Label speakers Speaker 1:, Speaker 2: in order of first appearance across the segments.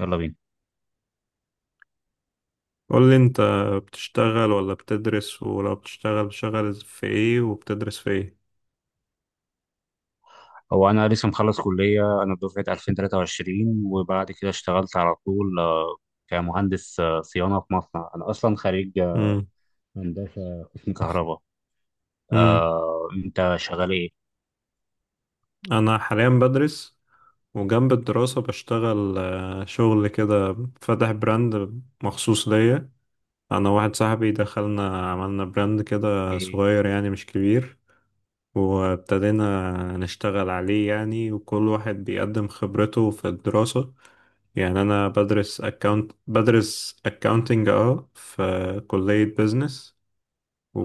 Speaker 1: يلا بينا.
Speaker 2: قول لي انت بتشتغل ولا بتدرس ولو بتشتغل، بتشتغل في ايه وبتدرس في ايه؟
Speaker 1: هو انا لسه مخلص كليه، انا دفعه 2023 وبعد كده اشتغلت على طول، كمهندس صيانه في مصنع. انا اصلا خريج
Speaker 2: امم
Speaker 1: هندسه قسم كهرباء.
Speaker 2: امم
Speaker 1: انت شغال ايه؟
Speaker 2: انا حاليا بدرس، وجنب الدراسة بشتغل شغل كده. فاتح براند مخصوص ليا. انا واحد صاحبي دخلنا عملنا براند كده
Speaker 1: ايه؟
Speaker 2: صغير، يعني مش كبير، وابتدينا نشتغل عليه يعني. وكل واحد بيقدم خبرته في الدراسة. يعني انا بدرس اكاونت، بدرس اكاونتنج اه، في كلية بيزنس،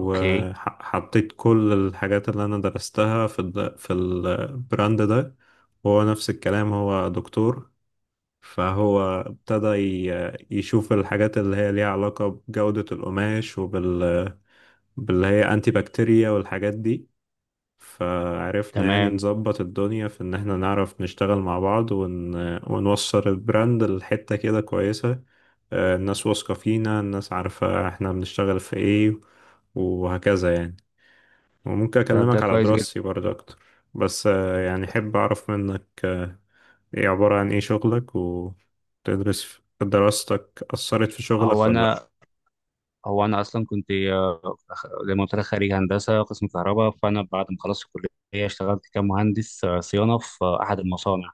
Speaker 1: اوكي،
Speaker 2: كل الحاجات اللي أنا درستها في البراند ده. وهو نفس الكلام، هو دكتور، فهو ابتدى يشوف الحاجات اللي هي ليها علاقة بجودة القماش باللي هي أنتي بكتيريا والحاجات دي. فعرفنا يعني
Speaker 1: تمام.
Speaker 2: نظبط الدنيا في إن احنا نعرف نشتغل مع بعض ونوصل البراند لحتة كده كويسة. الناس واثقة فينا، الناس عارفة احنا بنشتغل في ايه، وهكذا يعني. وممكن
Speaker 1: طب ده
Speaker 2: أكلمك على
Speaker 1: كويس جدا.
Speaker 2: دراستي برضه أكتر، بس يعني أحب أعرف منك. إيه عبارة عن إيه شغلك، وتدرس دراستك أثرت في شغلك
Speaker 1: هو
Speaker 2: ولا لأ؟
Speaker 1: انا هو انا اصلا كنت، زي ما قلت لك، خريج هندسه قسم كهرباء، فانا بعد ما خلصت الكليه اشتغلت كمهندس صيانه في احد المصانع.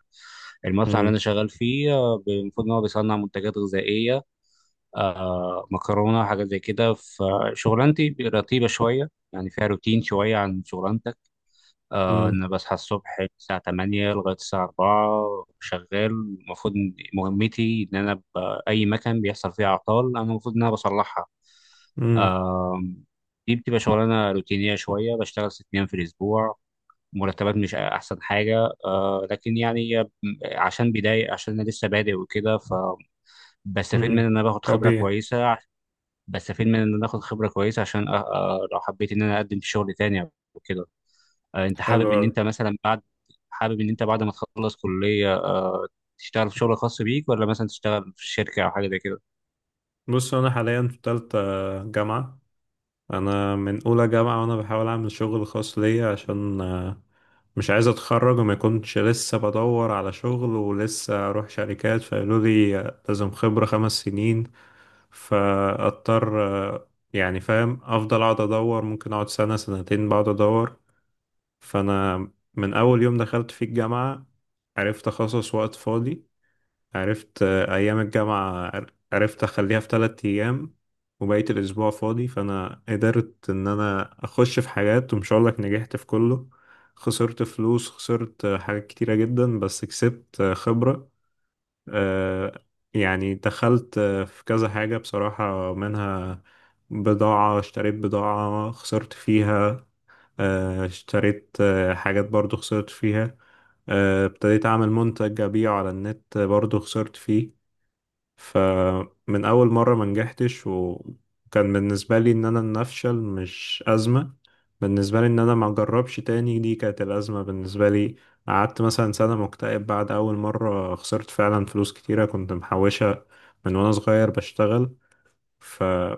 Speaker 1: المصنع اللي
Speaker 2: مم.
Speaker 1: انا شغال فيه المفروض ان هو بيصنع منتجات غذائيه، آه، مكرونه وحاجات زي كده. فشغلانتي رتيبه شويه، يعني فيها روتين شويه عن شغلانتك. آه،
Speaker 2: مم.
Speaker 1: انا بصحى الصبح الساعه 8 لغايه الساعه 4 شغال. المفروض إن مهمتي ان انا اي مكان بيحصل فيه اعطال انا المفروض ان انا بصلحها.
Speaker 2: مم.
Speaker 1: آه، دي بتبقى شغلانه روتينيه شويه. بشتغل ست ايام في الاسبوع، مرتبات مش احسن حاجه آه، لكن يعني عشان بدايه، عشان انا لسه بادئ وكده، ف بستفيد من ان
Speaker 2: مم.
Speaker 1: انا باخد خبره
Speaker 2: طبيعي.
Speaker 1: كويسه. بس فين، من ان انا اخد خبره كويسه عشان لو حبيت ان انا اقدم في شغل تاني او كده. انت
Speaker 2: حلو
Speaker 1: حابب ان
Speaker 2: أوي.
Speaker 1: انت مثلا بعد، حابب ان انت بعد ما تخلص كليه، تشتغل في شغل خاص بيك ولا مثلا تشتغل في شركه او حاجه زي كده؟
Speaker 2: بص، أنا حاليا في تالتة جامعة. أنا من أولى جامعة وأنا بحاول أعمل شغل خاص ليا، عشان مش عايز أتخرج وما يكونش لسه بدور على شغل، ولسه أروح شركات فقالوا لي لازم خبرة خمس سنين. فاضطر يعني فاهم، افضل اقعد ادور، ممكن اقعد سنة سنتين بقعد ادور. فانا من اول يوم دخلت في الجامعة عرفت اخصص وقت فاضي. عرفت ايام الجامعة عرفت اخليها في ثلاث ايام وبقيت الاسبوع فاضي. فانا قدرت ان انا اخش في حاجات، ومش هقولك نجحت في كله. خسرت فلوس، خسرت حاجات كتيرة جدا، بس كسبت خبرة. آه، يعني دخلت في كذا حاجة بصراحة، منها بضاعة. اشتريت بضاعة خسرت فيها. اشتريت حاجات برضو خسرت فيها. ابتديت أعمل منتج أبيعه على النت، برضو خسرت فيه. فمن أول مرة ما نجحتش، وكان بالنسبة لي إن أنا إن أفشل مش أزمة. بالنسبة لي إن أنا ما أجربش تاني، دي كانت الأزمة بالنسبة لي. قعدت مثلا سنة مكتئب بعد أول مرة خسرت فعلا فلوس كتيرة، كنت محوشة من وأنا صغير بشتغل. فلما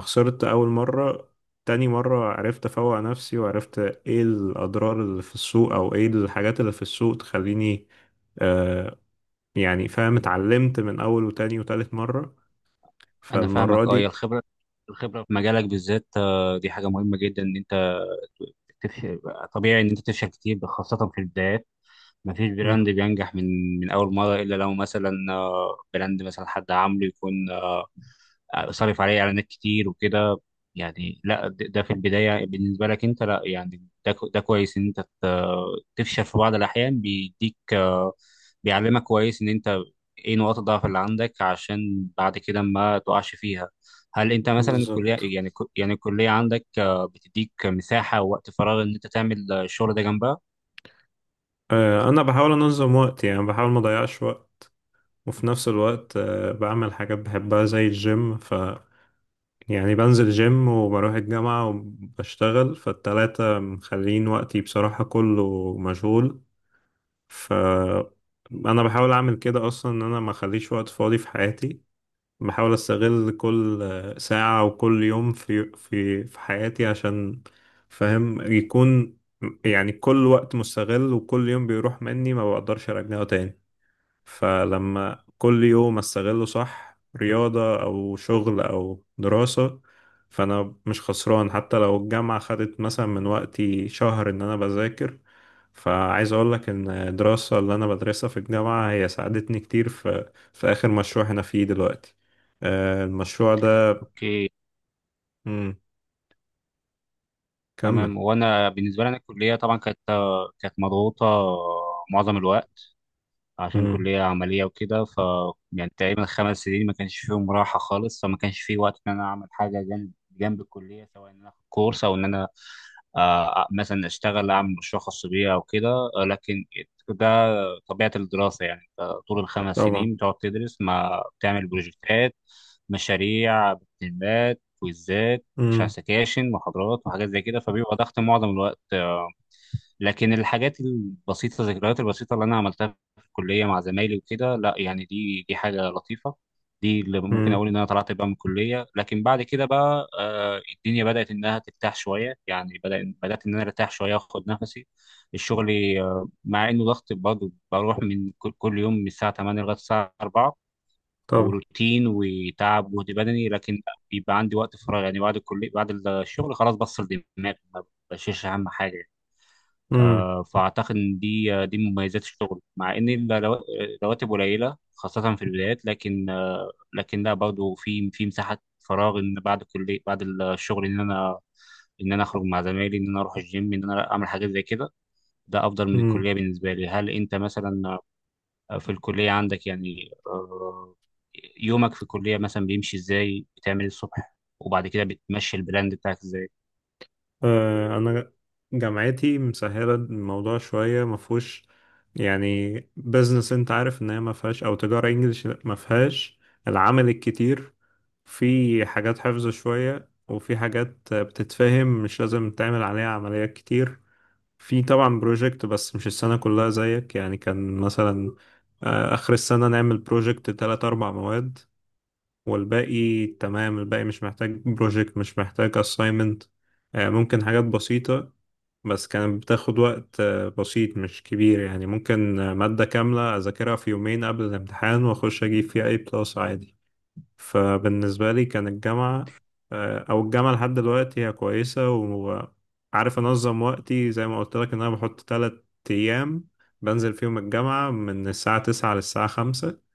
Speaker 2: خسرت أول مرة، تاني مرة عرفت أفوق نفسي وعرفت إيه الأضرار اللي في السوق أو إيه الحاجات اللي في السوق تخليني آه يعني فاهم. اتعلمت من أول وتاني وتالت مرة.
Speaker 1: انا
Speaker 2: فالمرة
Speaker 1: فاهمك اه. هي
Speaker 2: دي.
Speaker 1: الخبره، الخبره في مجالك بالذات، دي حاجه مهمه جدا ان انت تفشل. طبيعي ان انت تفشل كتير خاصه في البدايات. ما فيش براند
Speaker 2: مم.
Speaker 1: بينجح من اول مره، الا لو مثلا براند مثلا حد عامله يكون، صارف عليه اعلانات كتير وكده. يعني لا، ده في البدايه بالنسبه لك انت، لا يعني ده ده كويس ان انت تفشل في بعض الاحيان. بيديك، بيعلمك كويس ان انت ايه نقاط الضعف اللي عندك عشان بعد كده ما تقعش فيها. هل انت مثلا الكليه
Speaker 2: بالظبط.
Speaker 1: يعني يعني الكليه عندك بتديك مساحه ووقت فراغ ان انت تعمل الشغل ده جنبها؟
Speaker 2: أنا بحاول أنظم وقتي، يعني بحاول ما أضيعش وقت. وفي نفس الوقت بعمل حاجات بحبها زي الجيم. يعني بنزل جيم وبروح الجامعة وبشتغل، فالتلاتة مخلين وقتي بصراحة كله مشغول. ف أنا بحاول أعمل كده أصلا، إن أنا ما أخليش وقت فاضي في حياتي. بحاول استغل كل ساعة وكل يوم في حياتي، عشان فاهم يكون يعني كل وقت مستغل. وكل يوم بيروح مني ما بقدرش ارجعه تاني. فلما كل يوم استغله صح، رياضة او شغل او دراسة، فانا مش خسران. حتى لو الجامعة خدت مثلا من وقتي شهر ان انا بذاكر، فعايز اقول لك ان الدراسة اللي انا بدرسها في الجامعة هي ساعدتني كتير في اخر مشروع انا فيه دلوقتي. المشروع ده.
Speaker 1: اوكي،
Speaker 2: مم. كمل.
Speaker 1: تمام. وانا بالنسبه لي، انا الكليه طبعا كانت، كانت مضغوطه معظم الوقت عشان
Speaker 2: مم.
Speaker 1: كليه عمليه وكده. ف يعني تقريبا خمس سنين ما كانش فيهم راحه خالص، فما كانش في وقت ان انا اعمل حاجه جنب، جنب الكليه، سواء ان انا اخد كورس او ان انا مثلا اشتغل اعمل مشروع خاص بيا او كده. لكن ده طبيعة الدراسة. يعني أنت طول الخمس
Speaker 2: طبعا.
Speaker 1: سنين بتقعد تدرس، ما بتعمل بروجكتات، مشاريع، بتدريبات، كويزات، مش عارف
Speaker 2: مم.
Speaker 1: سكاشن، محاضرات، وحاجات زي كده. فبيبقى ضغط معظم الوقت. لكن الحاجات البسيطة، الذكريات البسيطة اللي أنا عملتها في الكلية مع زمايلي وكده، لا يعني دي حاجة لطيفة. دي اللي ممكن
Speaker 2: مم.
Speaker 1: أقول إن أنا طلعت بقى من الكلية. لكن بعد كده بقى، آه، الدنيا بدأت إنها ترتاح شوية، يعني بدأت إن أنا أرتاح شوية وآخد نفسي. الشغل، آه، مع إنه ضغط برضه، بروح من كل يوم من الساعة 8 لغاية الساعة 4،
Speaker 2: طبعا.
Speaker 1: وروتين وتعب وجهد بدني، لكن بيبقى عندي وقت فراغ. يعني بعد الكلية بعد الشغل خلاص، بفصل دماغي، ما بشيلش أهم حاجة.
Speaker 2: مم.
Speaker 1: فاعتقد ان دي، دي من مميزات الشغل. مع ان الرواتب قليله خاصه في البدايات، لكن، لكن لا برضه في مساحه فراغ ان بعد كل، بعد الشغل ان انا، ان انا اخرج مع زمايلي، ان انا اروح الجيم، ان انا اعمل حاجات زي كده. ده افضل من
Speaker 2: مم.
Speaker 1: الكليه بالنسبه لي. هل انت مثلا في الكليه عندك، يعني، يومك في الكليه مثلا بيمشي ازاي؟ بتعمل إيه الصبح، وبعد كده بتمشي البراند بتاعك ازاي؟
Speaker 2: انا جامعتي مسهله الموضوع شويه، ما فيهوش يعني بزنس، انت عارف ان هي ما فيهاش، او تجاره انجليش ما فيهاش العمل الكتير. في حاجات حفظ شويه، وفي حاجات بتتفهم مش لازم تعمل عليها عمليات كتير. في طبعا بروجكت، بس مش السنه كلها زيك يعني. كان مثلا اخر السنه نعمل بروجكت تلات اربع مواد، والباقي تمام. الباقي مش محتاج بروجكت، مش محتاج assignment. ممكن حاجات بسيطة، بس كانت بتاخد وقت بسيط مش كبير يعني. ممكن مادة كاملة أذاكرها في يومين قبل الامتحان وأخش أجيب فيها أي بلس عادي. فبالنسبة لي كان الجامعة أو الجامعة لحد دلوقتي هي كويسة، وعارف أنظم وقتي زي ما قلت لك، إن أنا بحط تلات أيام بنزل فيهم الجامعة من الساعة تسعة للساعة خمسة.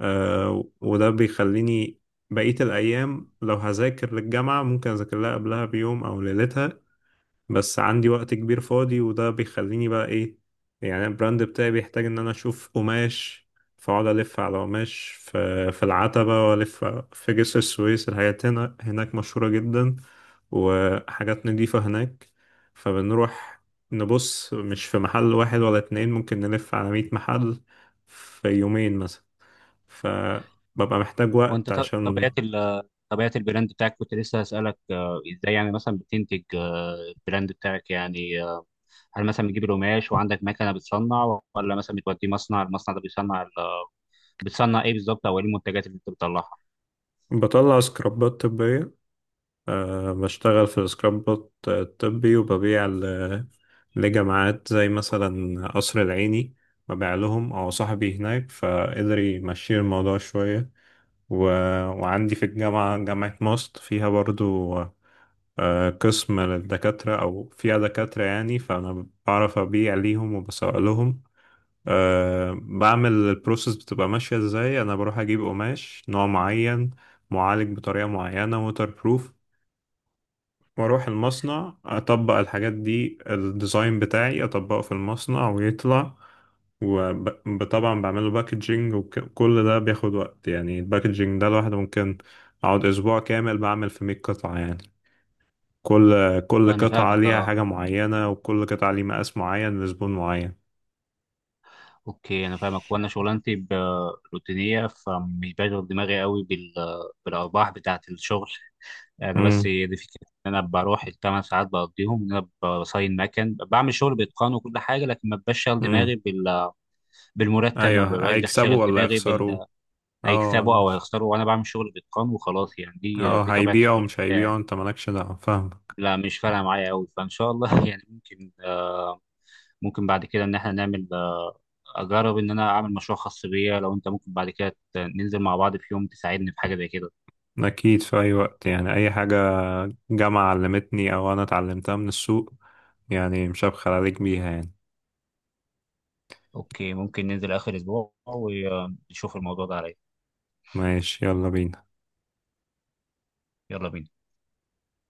Speaker 2: وده بيخليني بقية الأيام لو هذاكر للجامعة، ممكن أذاكر لها قبلها بيوم أو ليلتها. بس عندي وقت كبير فاضي، وده بيخليني بقى ايه يعني. البراند بتاعي بيحتاج ان انا اشوف قماش، فاقعد الف على قماش في العتبة، والف في جسر السويس. الحاجات هنا هناك مشهورة جدا، وحاجات نضيفة هناك. فبنروح نبص، مش في محل واحد ولا اتنين، ممكن نلف على مية محل في يومين مثلا. فببقى محتاج
Speaker 1: وانت
Speaker 2: وقت عشان
Speaker 1: طبيعه طبيعه البراند بتاعك، كنت لسه هسألك، ازاي يعني مثلا بتنتج، البراند بتاعك يعني، هل مثلا بتجيب القماش وعندك مكنه بتصنع، ولا مثلا بتوديه مصنع المصنع ده بيصنع بتصنع ايه بالظبط؟ او ايه المنتجات اللي انت بتطلعها؟
Speaker 2: بطلع سكرابات طبية. أه، بشتغل في سكراب بوت طبي، وببيع لجامعات زي مثلا قصر العيني. ببيع لهم، أو صاحبي هناك فقدر يمشي الموضوع شوية و... وعندي في الجامعة، جامعة ماست فيها برضو أه قسم للدكاترة، أو فيها دكاترة يعني، فأنا بعرف أبيع ليهم وبسوق لهم. أه بعمل البروسيس بتبقى ماشية إزاي. أنا بروح أجيب قماش نوع معين، معالج بطريقة معينة ووتر بروف، واروح المصنع اطبق الحاجات دي، الديزاين بتاعي اطبقه في المصنع ويطلع. وطبعا بعمله باكجينج، وكل ده بياخد وقت يعني. الباكجينج ده لوحده ممكن اقعد اسبوع كامل بعمل في 100 قطعة يعني. كل
Speaker 1: انا
Speaker 2: قطعة
Speaker 1: فاهمك
Speaker 2: ليها
Speaker 1: اه.
Speaker 2: حاجة معينة، وكل قطعة ليها مقاس معين لزبون معين.
Speaker 1: اوكي، انا فاهمك. وانا شغلانتي روتينيه، فمش بشغل دماغي قوي بالارباح بتاعه الشغل. انا بس
Speaker 2: امم
Speaker 1: هي دي فكره، ان انا بروح الثمان ساعات بقضيهم ان انا بصين مكن، بعمل شغل باتقان وكل حاجه، لكن ما بشغل
Speaker 2: امم
Speaker 1: دماغي بالمرتب. ما
Speaker 2: ايوه،
Speaker 1: ببقاش داخل شاغل
Speaker 2: هيكسبوا ولا
Speaker 1: دماغي
Speaker 2: يخسروا. اه
Speaker 1: هيكسبوا او
Speaker 2: مش
Speaker 1: هيخسروا. وانا بعمل شغل باتقان وخلاص. يعني دي
Speaker 2: اه،
Speaker 1: دي طبيعه
Speaker 2: هيبيعوا
Speaker 1: الشغل
Speaker 2: مش
Speaker 1: بتاعي.
Speaker 2: هيبيعوا، انت مالكش دعوة، فاهم.
Speaker 1: لا، مش فارقه معايا قوي، فان شاء الله يعني ممكن، ممكن بعد كده ان احنا نعمل، اجرب ان انا اعمل مشروع خاص بيا. لو انت ممكن بعد كده، ننزل مع بعض في يوم تساعدني في حاجه زي كده.
Speaker 2: أكيد، في أي وقت يعني. أي حاجة جامعة علمتني أو أنا اتعلمتها من السوق، يعني مش هبخل عليك بيها يعني.
Speaker 1: اوكي، ممكن ننزل اخر اسبوع ونشوف الموضوع ده عليا.
Speaker 2: ماشي، يلا بينا.
Speaker 1: يلا بينا.